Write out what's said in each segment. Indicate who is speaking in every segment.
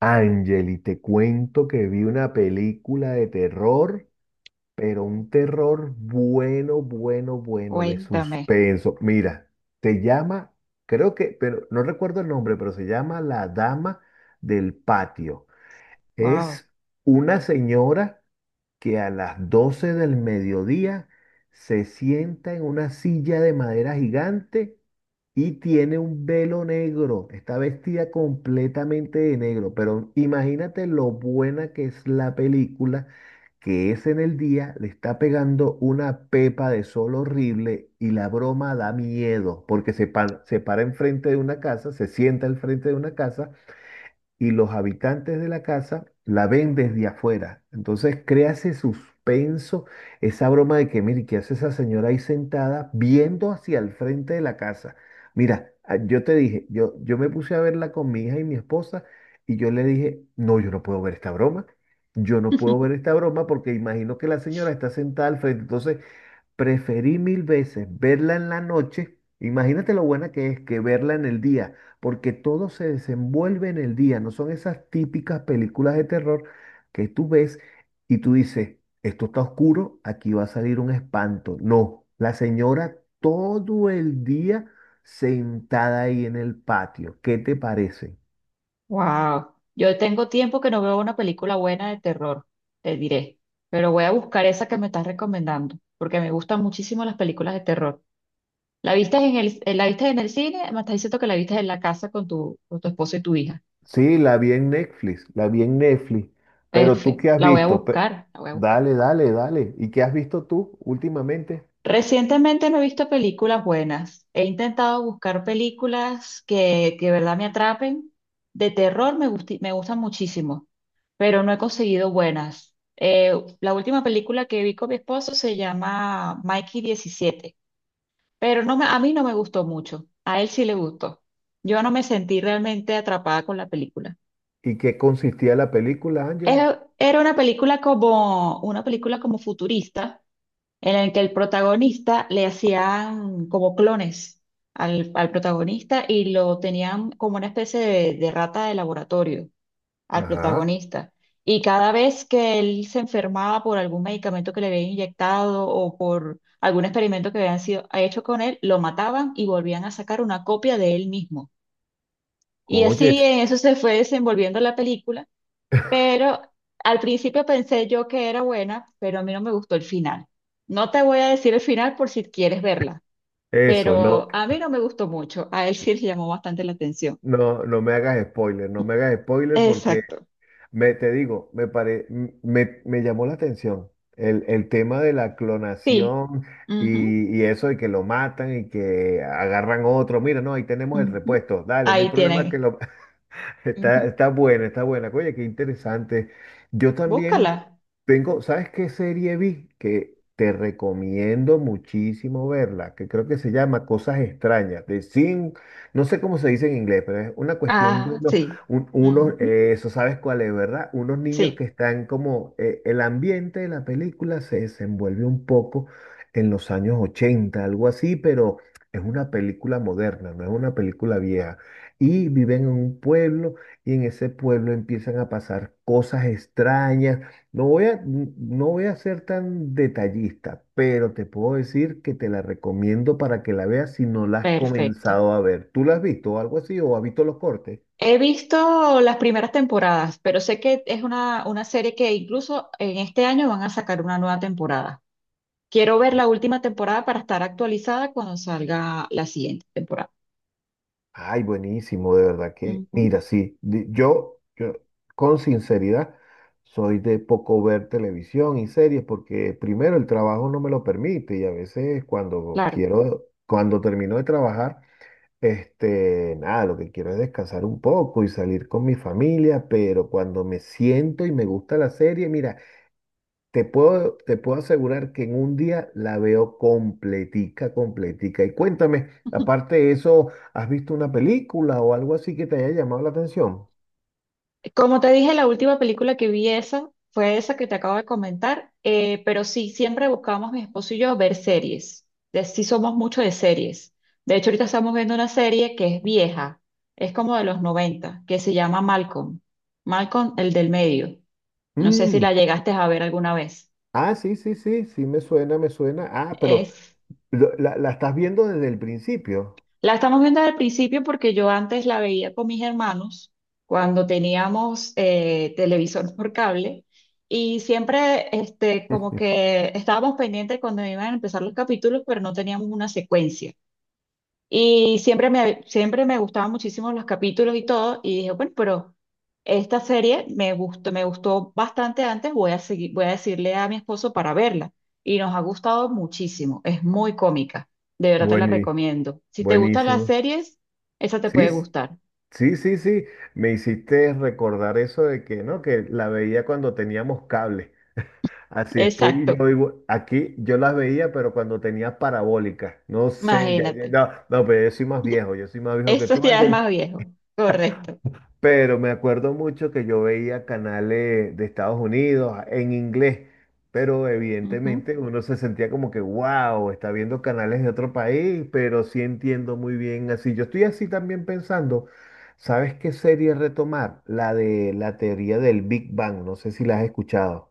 Speaker 1: Angeli, te cuento que vi una película de terror, pero un terror bueno, bueno, bueno, de
Speaker 2: Cuéntame.
Speaker 1: suspenso. Mira, se llama, creo que, pero no recuerdo el nombre, pero se llama La Dama del Patio.
Speaker 2: Wow.
Speaker 1: Es una señora que a las 12 del mediodía se sienta en una silla de madera gigante y tiene un velo negro. Está vestida completamente de negro, pero imagínate lo buena que es la película, que es en el día, le está pegando una pepa de sol horrible y la broma da miedo, porque se para enfrente de una casa, se sienta al frente de una casa y los habitantes de la casa la ven desde afuera. Entonces crea ese suspenso, esa broma de que, mire, ¿qué hace esa señora ahí sentada viendo hacia el frente de la casa? Mira, yo te dije, yo me puse a verla con mi hija y mi esposa y yo le dije, no, yo no puedo ver esta broma. Yo no puedo ver esta broma porque imagino que la señora está sentada al frente. Entonces, preferí mil veces verla en la noche. Imagínate lo buena que es que verla en el día, porque todo se desenvuelve en el día. No son esas típicas películas de terror que tú ves y tú dices, esto está oscuro, aquí va a salir un espanto. No, la señora todo el día sentada ahí en el patio. ¿Qué te parece?
Speaker 2: Wow. Yo tengo tiempo que no veo una película buena de terror, te diré. Pero voy a buscar esa que me estás recomendando, porque me gustan muchísimo las películas de terror. ¿La viste en el, la viste en el cine? Me estás diciendo que la viste en la casa con tu esposo y tu hija.
Speaker 1: Sí, la vi en Netflix, la vi en Netflix. ¿Pero tú
Speaker 2: Perfecto.
Speaker 1: qué has
Speaker 2: La voy a
Speaker 1: visto?
Speaker 2: buscar, la voy a buscar.
Speaker 1: Dale, dale, dale. ¿Y qué has visto tú últimamente?
Speaker 2: Recientemente no he visto películas buenas. He intentado buscar películas que de verdad me atrapen. De terror me gustan muchísimo, pero no he conseguido buenas. La última película que vi con mi esposo se llama Mikey 17, pero a mí no me gustó mucho. A él sí le gustó. Yo no me sentí realmente atrapada con la película.
Speaker 1: ¿Y qué consistía la película, Ángeles?
Speaker 2: Era una película como futurista, en el que el protagonista le hacían como clones al protagonista, y lo tenían como una especie de rata de laboratorio al
Speaker 1: Ajá.
Speaker 2: protagonista. Y cada vez que él se enfermaba por algún medicamento que le habían inyectado o por algún experimento que habían sido hecho con él, lo mataban y volvían a sacar una copia de él mismo. Y así
Speaker 1: Oyes,
Speaker 2: en eso se fue desenvolviendo la película, pero al principio pensé yo que era buena, pero a mí no me gustó el final. No te voy a decir el final por si quieres verla,
Speaker 1: eso, no,
Speaker 2: pero a mí no me gustó mucho. A él sí le llamó bastante la atención.
Speaker 1: no, no me hagas spoiler, no me hagas spoiler porque
Speaker 2: Exacto.
Speaker 1: me, te digo, me, pare, me llamó la atención el tema de la
Speaker 2: Sí.
Speaker 1: clonación
Speaker 2: Ujú,
Speaker 1: y eso de que lo matan y que agarran otro. Mira, no, ahí tenemos el
Speaker 2: ujú.
Speaker 1: repuesto, dale, no hay
Speaker 2: Ahí
Speaker 1: problema que
Speaker 2: tienen.
Speaker 1: lo. Está,
Speaker 2: Ujú.
Speaker 1: está buena, está buena. Oye, qué interesante. Yo también
Speaker 2: Búscala.
Speaker 1: tengo, ¿sabes qué serie vi? Que te recomiendo muchísimo verla, que creo que se llama Cosas Extrañas, de Sin, no sé cómo se dice en inglés, pero es una cuestión de
Speaker 2: Ah,
Speaker 1: unos,
Speaker 2: sí.
Speaker 1: un- unos,
Speaker 2: Ujú.
Speaker 1: eh, eso sabes cuál es, ¿verdad? Unos niños que
Speaker 2: Sí,
Speaker 1: están como, el ambiente de la película se desenvuelve un poco en los años 80 algo así, pero es una película moderna, no es una película vieja. Y viven en un pueblo y en ese pueblo empiezan a pasar cosas extrañas. No voy a ser tan detallista, pero te puedo decir que te la recomiendo para que la veas si no la has
Speaker 2: perfecto.
Speaker 1: comenzado a ver. ¿Tú la has visto o algo así o has visto los cortes?
Speaker 2: He visto las primeras temporadas, pero sé que es una serie que incluso en este año van a sacar una nueva temporada. Quiero ver la última temporada para estar actualizada cuando salga la siguiente temporada.
Speaker 1: Ay, buenísimo, de verdad que,
Speaker 2: Ujú,
Speaker 1: mira, sí, yo con sinceridad soy de poco ver televisión y series porque primero el trabajo no me lo permite y a veces cuando
Speaker 2: claro.
Speaker 1: quiero, cuando termino de trabajar, este, nada, lo que quiero es descansar un poco y salir con mi familia, pero cuando me siento y me gusta la serie, mira, te puedo asegurar que en un día la veo completica, completica. Y cuéntame, aparte de eso, ¿has visto una película o algo así que te haya llamado la atención?
Speaker 2: Como te dije, la última película que vi, esa fue esa que te acabo de comentar, pero sí, siempre buscamos mi esposo y yo ver series. Sí, somos mucho de series. De hecho, ahorita estamos viendo una serie que es vieja, es como de los noventa, que se llama Malcolm. Malcolm, el del medio. No sé si
Speaker 1: Mm,
Speaker 2: la llegaste a ver alguna vez.
Speaker 1: ah, sí, sí, sí, sí me suena, me suena. Ah, pero
Speaker 2: Es
Speaker 1: la estás viendo desde el principio.
Speaker 2: La estamos viendo al principio porque yo antes la veía con mis hermanos cuando teníamos televisor por cable, y siempre este, como que estábamos pendientes cuando iban a empezar los capítulos, pero no teníamos una secuencia. Y siempre me gustaban muchísimo los capítulos y todo, y dije, bueno, pero esta serie me gustó bastante antes, voy a seguir, voy a decirle a mi esposo para verla. Y nos ha gustado muchísimo, es muy cómica, de verdad te la
Speaker 1: buení
Speaker 2: recomiendo. Si te gustan las
Speaker 1: buenísimo.
Speaker 2: series, esa te
Speaker 1: Sí.
Speaker 2: puede gustar.
Speaker 1: Sí, sí, sí, me hiciste recordar eso de que, ¿no? Que la veía cuando teníamos cable. Así estoy yo
Speaker 2: Exacto,
Speaker 1: digo, aquí yo las veía, pero cuando tenía parabólica. No sé,
Speaker 2: imagínate.
Speaker 1: no, no, pero yo soy más viejo, yo soy más viejo que
Speaker 2: Eso
Speaker 1: tú,
Speaker 2: ya es
Speaker 1: Ángel.
Speaker 2: más viejo, correcto.
Speaker 1: Pero me acuerdo mucho que yo veía canales de Estados Unidos en inglés, pero
Speaker 2: Ujú.
Speaker 1: evidentemente uno se sentía como que, wow, está viendo canales de otro país, pero sí entiendo muy bien así. Yo estoy así también pensando, ¿sabes qué serie retomar? La de la teoría del Big Bang, no sé si la has escuchado.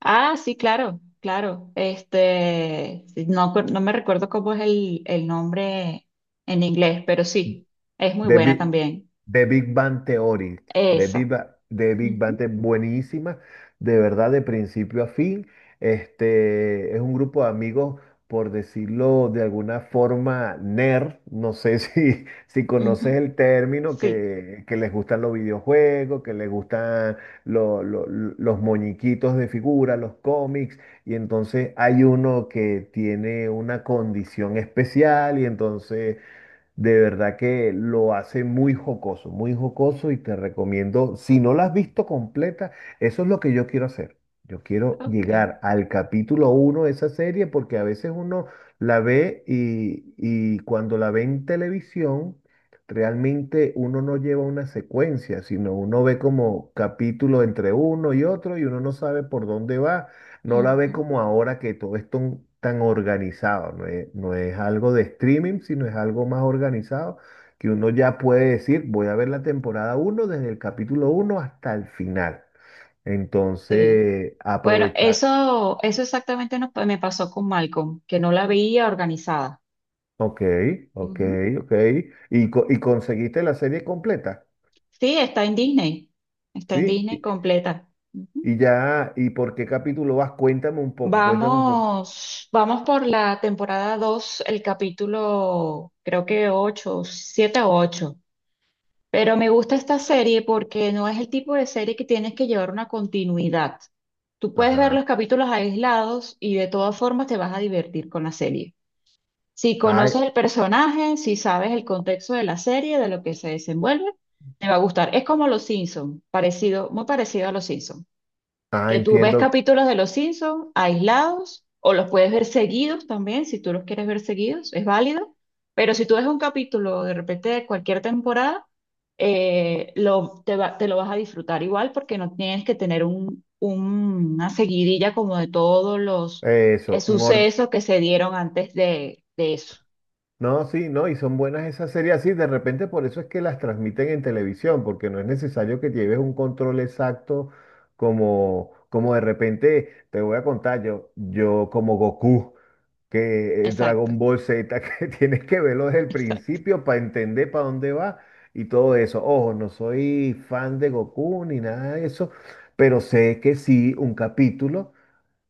Speaker 2: Ah, sí, claro, claro. Este, sí, no, no me recuerdo cómo es el nombre en inglés, pero sí, es muy
Speaker 1: The
Speaker 2: buena
Speaker 1: Big,
Speaker 2: también.
Speaker 1: The Big Bang Theory.
Speaker 2: Esa.
Speaker 1: The Big Bang
Speaker 2: Ujú,
Speaker 1: Theory, buenísima, de verdad, de principio a fin. Este, es un grupo de amigos, por decirlo de alguna forma, nerd. No sé si, si conoces
Speaker 2: ujú,
Speaker 1: el término,
Speaker 2: sí,
Speaker 1: que les gustan los videojuegos, que les gustan los moñiquitos de figura, los cómics. Y entonces hay uno que tiene una condición especial y entonces de verdad que lo hace muy jocoso y te recomiendo, si no la has visto completa, eso es lo que yo quiero hacer. Yo quiero
Speaker 2: ok.
Speaker 1: llegar al capítulo 1 de esa serie porque a veces uno la ve y cuando la ve en televisión, realmente uno no lleva una secuencia, sino uno ve como capítulo entre uno y otro y uno no sabe por dónde va. No la ve
Speaker 2: Ujú,
Speaker 1: como ahora que todo es tan organizado, no es algo de streaming, sino es algo más organizado que uno ya puede decir, voy a ver la temporada 1 desde el capítulo 1 hasta el final.
Speaker 2: sí.
Speaker 1: Entonces,
Speaker 2: Bueno,
Speaker 1: aprovechar.
Speaker 2: eso exactamente me pasó con Malcolm, que no la veía organizada.
Speaker 1: Ok, ok,
Speaker 2: Ujú.
Speaker 1: ok. Y conseguiste la serie completa,
Speaker 2: Sí, está en Disney. Está en
Speaker 1: ¿sí?
Speaker 2: Disney completa. Ujú.
Speaker 1: Y ya, ¿y por qué capítulo vas? Cuéntame un poco, cuéntame un poco.
Speaker 2: Vamos, vamos por la temporada 2, el capítulo creo que 8, 7 o 8. Pero me gusta esta serie porque no es el tipo de serie que tienes que llevar una continuidad. Tú puedes ver
Speaker 1: Ajá.
Speaker 2: los capítulos aislados y de todas formas te vas a divertir con la serie. Si
Speaker 1: Ay,
Speaker 2: conoces el personaje, si sabes el contexto de la serie, de lo que se desenvuelve, te va a gustar. Es como Los Simpson, parecido, muy parecido a Los Simpson. Que tú ves
Speaker 1: entiendo
Speaker 2: capítulos de Los Simpsons aislados, o los puedes ver seguidos también, si tú los quieres ver seguidos, es válido. Pero si tú ves un capítulo de repente de cualquier temporada, te lo vas a disfrutar igual porque no tienes que tener un, una seguidilla como de todos los
Speaker 1: eso, un orden.
Speaker 2: sucesos que se dieron antes de eso.
Speaker 1: No, sí, no, y son buenas esas series así. De repente por eso es que las transmiten en televisión, porque no es necesario que lleves un control exacto como, como de repente, te voy a contar yo, como Goku, que el
Speaker 2: Exacto,
Speaker 1: Dragon Ball Z, que tienes que verlo desde el
Speaker 2: exacto.
Speaker 1: principio para entender para dónde va y todo eso. Ojo, no soy fan de Goku ni nada de eso, pero sé que sí, un capítulo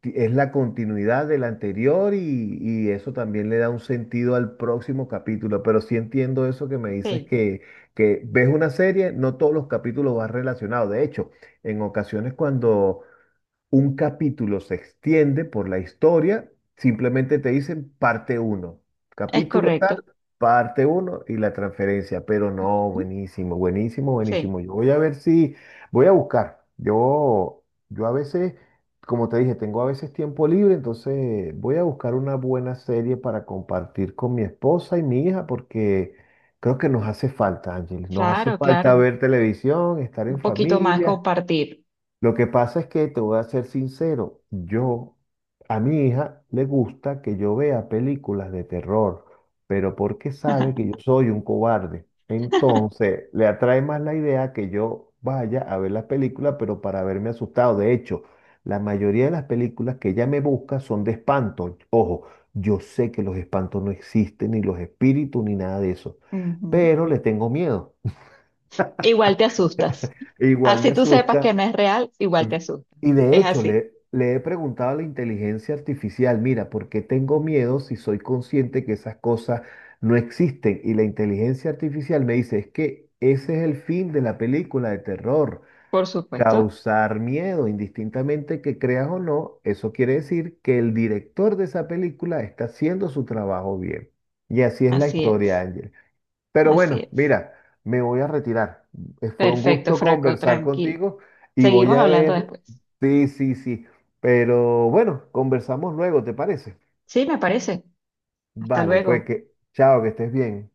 Speaker 1: es la continuidad del anterior y eso también le da un sentido al próximo capítulo. Pero sí entiendo eso que me dices
Speaker 2: Sí,
Speaker 1: que ves una serie, no todos los capítulos van relacionados. De hecho, en ocasiones cuando un capítulo se extiende por la historia, simplemente te dicen parte 1,
Speaker 2: es
Speaker 1: capítulo tal,
Speaker 2: correcto.
Speaker 1: parte 1 y la transferencia, pero no, buenísimo, buenísimo,
Speaker 2: Sí,
Speaker 1: buenísimo. Yo voy a ver si, voy a buscar. Yo a veces, como te dije, tengo a veces tiempo libre, entonces voy a buscar una buena serie para compartir con mi esposa y mi hija porque... Creo que nos hace falta, Ángeles, nos hace
Speaker 2: claro,
Speaker 1: falta
Speaker 2: claro.
Speaker 1: ver televisión, estar
Speaker 2: Un
Speaker 1: en
Speaker 2: poquito más
Speaker 1: familia,
Speaker 2: compartir.
Speaker 1: lo que pasa es que te voy a ser sincero, yo a mi hija le gusta que yo vea películas de terror, pero porque sabe que yo soy un cobarde. Entonces, le atrae más la idea que yo vaya a ver la película, pero para verme asustado. De hecho, la mayoría de las películas que ella me busca son de espanto. Ojo, yo sé que los espantos no existen, ni los espíritus, ni nada de eso,
Speaker 2: Ujú.
Speaker 1: pero le tengo miedo.
Speaker 2: Igual te asustas.
Speaker 1: Igual me
Speaker 2: Así tú sepas que
Speaker 1: asusta.
Speaker 2: no es real, igual te
Speaker 1: Ve-
Speaker 2: asustas.
Speaker 1: Y de
Speaker 2: Es
Speaker 1: hecho,
Speaker 2: así,
Speaker 1: le he preguntado a la inteligencia artificial, mira, ¿por qué tengo miedo si soy consciente que esas cosas no existen? Y la inteligencia artificial me dice, es que ese es el fin de la película de terror,
Speaker 2: por supuesto.
Speaker 1: causar miedo, indistintamente que creas o no, eso quiere decir que el director de esa película está haciendo su trabajo bien. Y así es la
Speaker 2: Así es,
Speaker 1: historia, Ángel. Pero
Speaker 2: así
Speaker 1: bueno,
Speaker 2: es.
Speaker 1: mira, me voy a retirar. Fue un
Speaker 2: Perfecto,
Speaker 1: gusto
Speaker 2: Fraco,
Speaker 1: conversar
Speaker 2: tranquilo.
Speaker 1: contigo y voy
Speaker 2: Seguimos
Speaker 1: a
Speaker 2: hablando
Speaker 1: ver.
Speaker 2: después.
Speaker 1: Sí, sí, sí. Pero bueno, conversamos luego, ¿te parece?
Speaker 2: Sí, me parece. Hasta
Speaker 1: Vale, pues
Speaker 2: luego.
Speaker 1: que chao, que estés bien.